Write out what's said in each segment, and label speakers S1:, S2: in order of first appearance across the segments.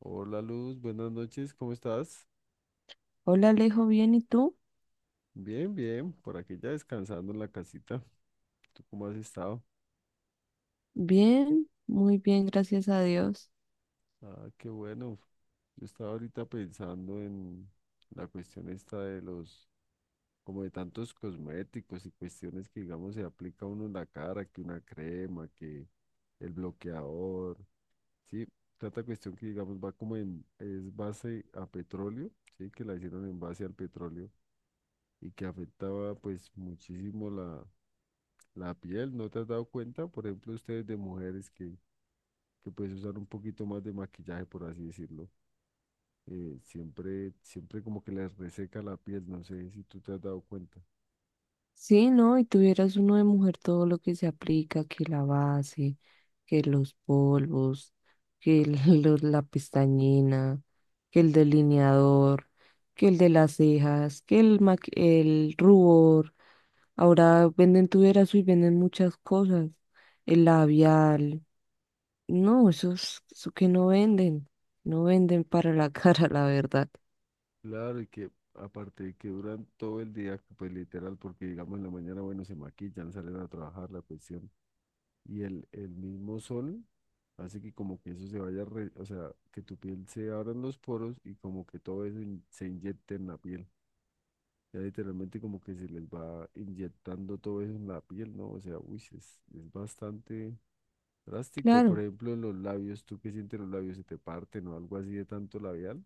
S1: Hola Luz, buenas noches, ¿cómo estás?
S2: Hola Alejo, ¿bien? ¿Y tú?
S1: Bien, bien, por aquí ya descansando en la casita. ¿Tú cómo has estado?
S2: Bien, muy bien, gracias a Dios.
S1: Ah, qué bueno. Yo estaba ahorita pensando en la cuestión esta de los, como de tantos cosméticos y cuestiones que, digamos, se aplica uno en la cara, que una crema, que el bloqueador, ¿sí? Tanta cuestión que, digamos, va como en, es base a petróleo, ¿sí? Que la hicieron en base al petróleo y que afectaba, pues, muchísimo la la piel, ¿no te has dado cuenta? Por ejemplo, ustedes de mujeres que pues usar un poquito más de maquillaje, por así decirlo, siempre como que les reseca la piel, no sé si tú te has dado cuenta.
S2: Sí, ¿no? Y tuvieras uno de mujer todo lo que se aplica, que la base, que los polvos, que el- la pestañina, que el delineador, que el de las cejas, el rubor. Ahora venden tuvieras y venden muchas cosas. El labial. No, eso que no venden. No venden para la cara, la verdad.
S1: Claro, y que aparte de que duran todo el día, pues literal, porque digamos en la mañana, bueno, se maquillan, salen a trabajar la cuestión, y el mismo sol hace que como que eso se vaya, o sea, que tu piel se abran los poros y como que todo eso se inyecte en la piel. Ya literalmente como que se les va inyectando todo eso en la piel, ¿no? O sea, uy, es bastante drástico. Por
S2: Claro.
S1: ejemplo, en los labios, ¿tú qué sientes en los labios? ¿Se te parten o algo así de tanto labial?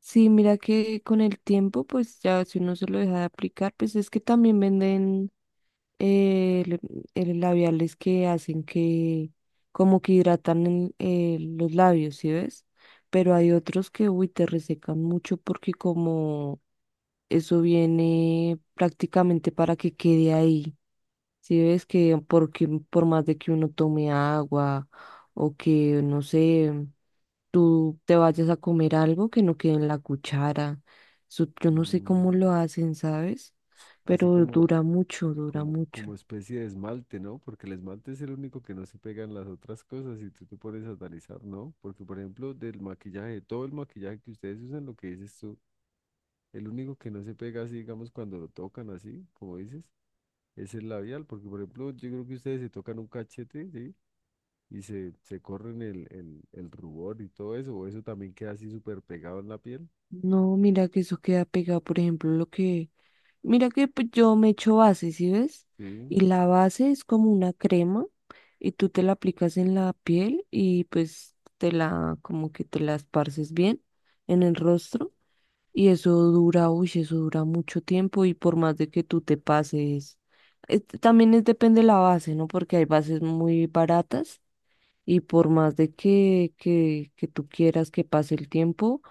S2: Sí, mira que con el tiempo, pues ya si uno se lo deja de aplicar, pues es que también venden eh, le- el labiales que hacen que como que hidratan los labios, ¿sí ves? Pero hay otros que, uy, te resecan mucho porque como eso viene prácticamente para que quede ahí, ¿sí ves? Que porque por más de que uno tome agua o que, no sé, tú te vayas a comer algo que no quede en la cuchara. Eso yo no sé
S1: Mm,
S2: cómo lo hacen, ¿sabes?
S1: así
S2: Pero
S1: como,
S2: dura mucho, dura mucho.
S1: como especie de esmalte, ¿no? Porque el esmalte es el único que no se pega en las otras cosas y tú te pones a analizar, ¿no? Porque, por ejemplo, del maquillaje, todo el maquillaje que ustedes usan, lo que dices tú, el único que no se pega así, digamos, cuando lo tocan así, como dices es el labial, porque por ejemplo, yo creo que ustedes se tocan un cachete, ¿sí? Y se corren el rubor y todo eso, o eso también queda así súper pegado en la piel,
S2: No, mira que eso queda pegado, por ejemplo, lo que... Mira que pues, yo me echo base, ¿sí ves?
S1: ¿sí?
S2: Y la base es como una crema y tú te la aplicas en la piel y pues te la, como que te la esparces bien en el rostro. Y eso dura, uy, eso dura mucho tiempo y por más de que tú te pases, también es, depende de la base, ¿no? Porque hay bases muy baratas y por más de que, que tú quieras que pase el tiempo,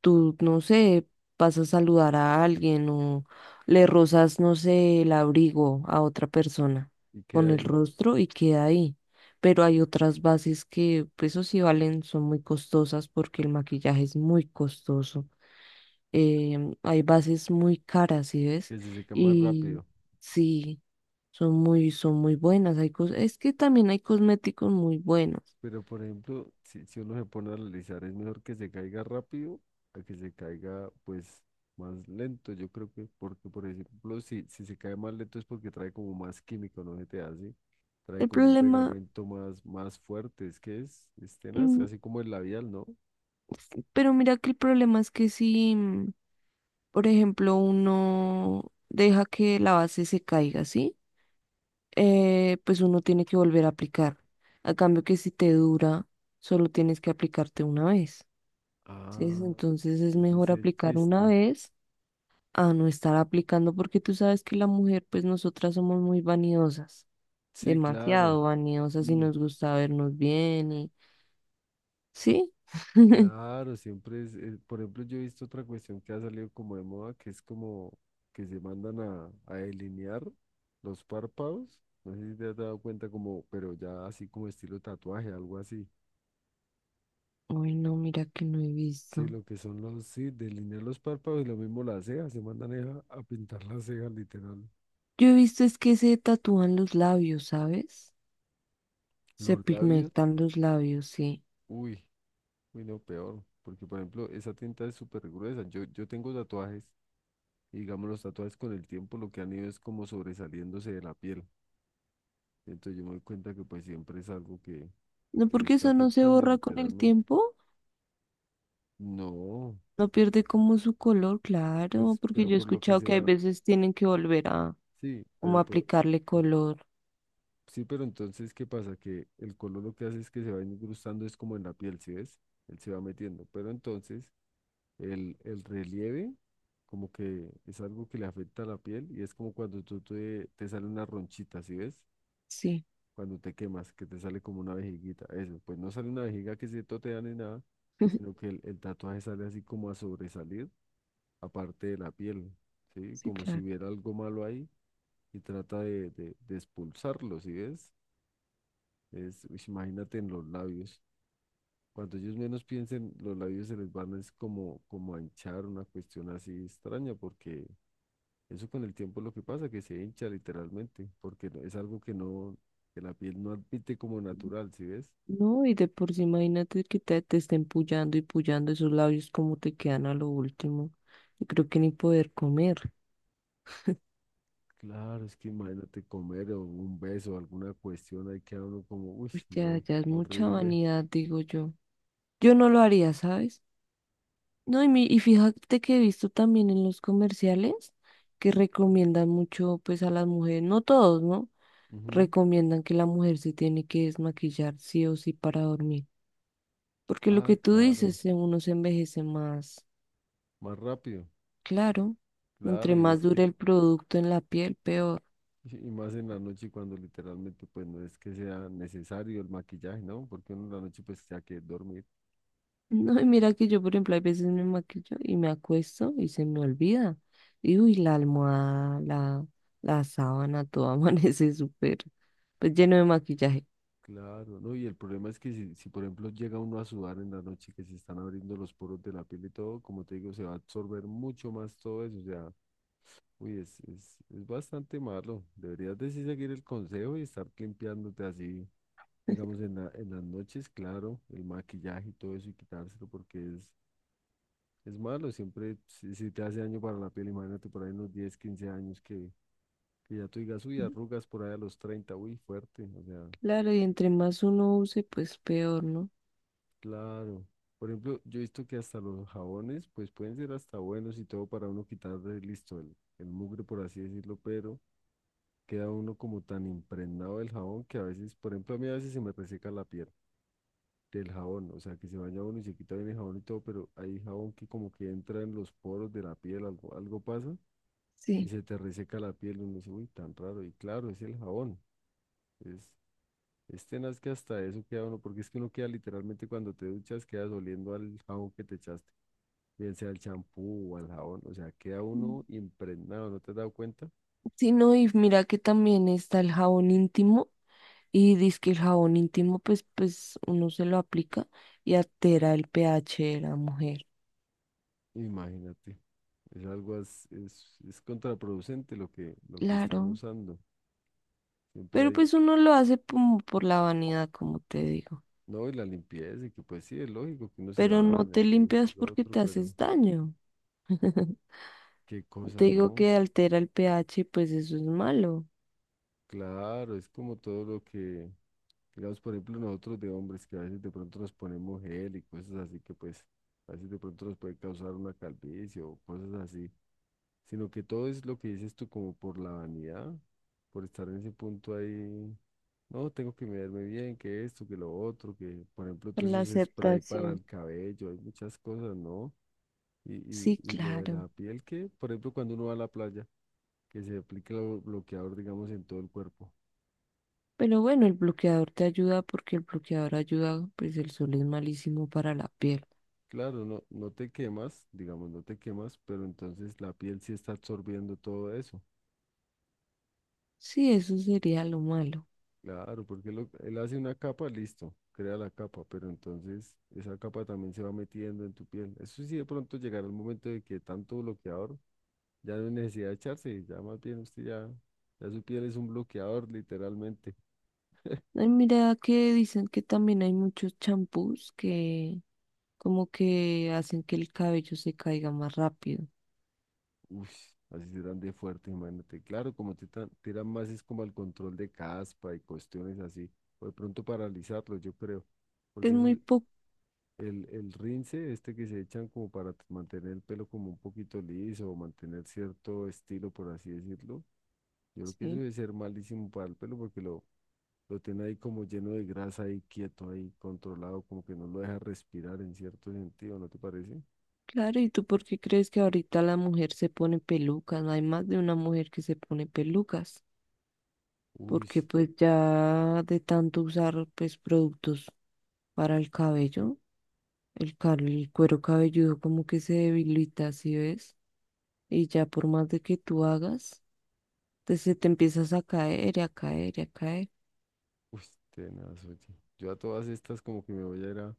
S2: tú, no sé, vas a saludar a alguien o le rozas, no sé, el abrigo a otra persona
S1: Y queda
S2: con el
S1: ahí,
S2: rostro y queda ahí. Pero hay otras bases que, pues, eso sí valen, son muy costosas porque el maquillaje es muy costoso. Hay bases muy caras, ¿sí ves?
S1: que se seca más
S2: Y
S1: rápido.
S2: sí, son muy buenas. Hay es que también hay cosméticos muy buenos.
S1: Pero por ejemplo, si uno se pone a analizar, es mejor que se caiga rápido a que se caiga, pues, más lento, yo creo que, porque por ejemplo, si se cae más lento es porque trae como más químico, ¿no se te hace? Trae
S2: El
S1: como un
S2: problema,
S1: pegamento más fuerte, es tenaz,
S2: mm,
S1: así como el labial, ¿no?
S2: pero mira que el problema es que si, por ejemplo, uno deja que la base se caiga, ¿sí? Pues uno tiene que volver a aplicar. A cambio que si te dura, solo tienes que aplicarte una vez. ¿Sí?
S1: Ah,
S2: Entonces es
S1: ese es
S2: mejor
S1: el
S2: aplicar una
S1: chiste.
S2: vez a no estar aplicando, porque tú sabes que la mujer, pues nosotras somos muy vanidosas,
S1: Sí, claro.
S2: demasiado vanidosas y
S1: Mm,
S2: nos gusta vernos bien y sí.
S1: claro, siempre es, por ejemplo, yo he visto otra cuestión que ha salido como de moda, que es como que se mandan a delinear los párpados. No sé si te has dado cuenta como, pero ya así como estilo tatuaje, algo así.
S2: Uy, no, mira que no he
S1: Sí,
S2: visto.
S1: lo que son los, sí, delinear los párpados y lo mismo las cejas, se mandan es a pintar las cejas, literal.
S2: Yo he visto es que se tatúan los labios, ¿sabes? Se
S1: Los labios,
S2: pigmentan los labios, sí.
S1: uy, uy, no, peor, porque por ejemplo, esa tinta es súper gruesa. Yo tengo tatuajes. Y digamos, los tatuajes con el tiempo lo que han ido es como sobresaliéndose de la piel. Entonces yo me doy cuenta que pues siempre es algo que
S2: No,
S1: pues
S2: porque
S1: está
S2: eso no se
S1: afectando
S2: borra con el
S1: literalmente.
S2: tiempo,
S1: No,
S2: no pierde como su color, claro,
S1: pues,
S2: porque
S1: pero
S2: yo he
S1: por lo que
S2: escuchado
S1: se
S2: que hay
S1: va,
S2: veces tienen que volver a
S1: sí,
S2: como
S1: pero por,
S2: aplicarle
S1: pues,
S2: color,
S1: sí, pero entonces, ¿qué pasa? Que el color lo que hace es que se va incrustando, es como en la piel, ¿sí ves? Él se va metiendo. Pero entonces, el relieve como que es algo que le afecta a la piel y es como cuando tú te sale una ronchita, ¿sí ves?
S2: sí,
S1: Cuando te quemas, que te sale como una vejiguita. Eso, pues no sale una vejiga que se totea ni nada, sino que el tatuaje sale así como a sobresalir, aparte de la piel, ¿sí?
S2: sí,
S1: Como si
S2: claro.
S1: hubiera algo malo ahí y trata de expulsarlo, ¿sí ves? Es, uish, imagínate en los labios. Cuando ellos menos piensen, los labios se les van es como, como a hinchar, una cuestión así extraña, porque eso con el tiempo es lo que pasa, que se hincha literalmente, porque es algo que no, que la piel no admite como natural, ¿sí ves?
S2: No, y de por sí, imagínate que te estén pullando y pullando esos labios como te quedan a lo último. Y creo que ni poder comer.
S1: Claro, es que imagínate comer o un beso, alguna cuestión, ahí queda uno como, uy,
S2: Pues ya,
S1: no,
S2: ya es mucha
S1: horrible.
S2: vanidad, digo yo. Yo no lo haría, ¿sabes? No, y fíjate que he visto también en los comerciales que recomiendan mucho pues a las mujeres, no todos, ¿no?
S1: Ujú.
S2: Recomiendan que la mujer se tiene que desmaquillar sí o sí para dormir. Porque lo
S1: Ah,
S2: que tú
S1: claro,
S2: dices, uno se envejece más,
S1: más rápido,
S2: claro. Entre
S1: claro, y
S2: más
S1: es que,
S2: dure el producto en la piel, peor.
S1: y más en la noche cuando literalmente pues no es que sea necesario el maquillaje, ¿no? Porque uno en la noche pues ya que dormir,
S2: No, y mira que yo, por ejemplo, hay veces me maquillo y me acuesto y se me olvida. Y uy, la almohada, la sábana, todo amanece súper, pues lleno de maquillaje.
S1: claro, ¿no? Y el problema es que si por ejemplo llega uno a sudar en la noche que se están abriendo los poros de la piel y todo, como te digo, se va a absorber mucho más todo eso, o sea, uy, es bastante malo. Deberías de sí seguir el consejo y estar limpiándote así, digamos, en las noches, claro, el maquillaje y todo eso y quitárselo porque es malo. Siempre, si te hace daño para la piel, imagínate por ahí unos 10 o 15 años que ya tú digas, uy, arrugas por ahí a los 30 uy, fuerte. O sea,
S2: Claro, y entre más uno use, pues peor, ¿no?
S1: claro. Por ejemplo, yo he visto que hasta los jabones, pues pueden ser hasta buenos y todo para uno quitarle, listo, el mugre, por así decirlo, pero queda uno como tan impregnado del jabón que a veces, por ejemplo, a mí a veces se me reseca la piel del jabón, o sea, que se baña uno y se quita bien el jabón y todo, pero hay jabón que como que entra en los poros de la piel, algo pasa y
S2: Sí.
S1: se te reseca la piel, uno dice, uy, tan raro, y claro, es el jabón, es, es tenaz que hasta eso queda uno, porque es que uno queda literalmente cuando te duchas, quedas oliendo al jabón que te echaste, bien sea al champú o al jabón, o sea, queda
S2: Mm.
S1: uno impregnado, ¿no te has dado cuenta?
S2: Sí, no, y mira que también está el jabón íntimo. Y dice que el jabón íntimo, pues uno se lo aplica y altera el pH de la mujer.
S1: Imagínate. Es algo es contraproducente lo que están
S2: Claro.
S1: usando. Siempre
S2: Pero
S1: hay,
S2: pues uno lo hace como por la vanidad, como te digo.
S1: no, y la limpieza, y que pues sí, es lógico que uno se
S2: Pero no
S1: baña,
S2: te
S1: que esto
S2: limpias
S1: y lo
S2: porque
S1: otro,
S2: te
S1: pero
S2: haces daño.
S1: qué
S2: Te
S1: cosa,
S2: digo
S1: ¿no?
S2: que altera el pH, pues eso es malo.
S1: Claro, es como todo lo que, digamos, por ejemplo, nosotros de hombres que a veces de pronto nos ponemos gel y cosas así que pues a veces de pronto nos puede causar una calvicie o cosas así. Sino que todo es lo que dices tú como por la vanidad, por estar en ese punto ahí, no, tengo que mirarme bien, que esto, que lo otro, que por ejemplo todos
S2: La
S1: esos spray para
S2: aceptación.
S1: el cabello, hay muchas cosas, ¿no? Y, y,
S2: Sí,
S1: y lo de
S2: claro.
S1: la piel, que por ejemplo cuando uno va a la playa, que se aplica el bloqueador, digamos, en todo el cuerpo.
S2: Pero bueno, el bloqueador te ayuda porque el bloqueador ayuda, pues el sol es malísimo para la piel.
S1: Claro, no, no te quemas, digamos, no te quemas, pero entonces la piel sí está absorbiendo todo eso.
S2: Sí, eso sería lo malo.
S1: Claro, porque él hace una capa, listo, crea la capa, pero entonces esa capa también se va metiendo en tu piel. Eso sí, de pronto llegará el momento de que tanto bloqueador ya no hay necesidad de echarse, ya más bien usted ya, ya su piel es un bloqueador, literalmente.
S2: Ay, mira que dicen que también hay muchos champús que como que hacen que el cabello se caiga más rápido.
S1: Uy, así serán de fuerte, imagínate. Claro, como te tiran más es como al control de caspa y cuestiones así, o de pronto paralizarlo, yo creo,
S2: Es
S1: porque eso,
S2: muy poco.
S1: el el rince, este que se echan como para mantener el pelo como un poquito liso o mantener cierto estilo, por así decirlo. Yo creo que eso debe ser malísimo para el pelo porque lo tiene ahí como lleno de grasa ahí quieto, ahí controlado, como que no lo deja respirar en cierto sentido, ¿no te parece?
S2: Claro, ¿y tú por qué crees que ahorita la mujer se pone pelucas? No hay más de una mujer que se pone pelucas,
S1: Uy,
S2: porque
S1: sí,
S2: pues ya de tanto usar pues productos para el cabello, el cuero cabelludo como que se debilita, ¿sí ves? Y ya por más de que tú hagas, te, se te empiezas a caer y a caer y a caer.
S1: uy, tenaz, oye. Yo a todas estas como que me voy a ir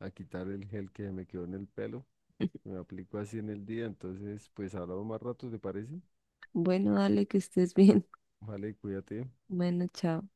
S1: a quitar el gel que me quedó en el pelo. Me aplico así en el día, entonces pues hablamos más rato, ¿te parece?
S2: Bueno, dale, que estés bien.
S1: Vale, cuídate.
S2: Bueno, chao.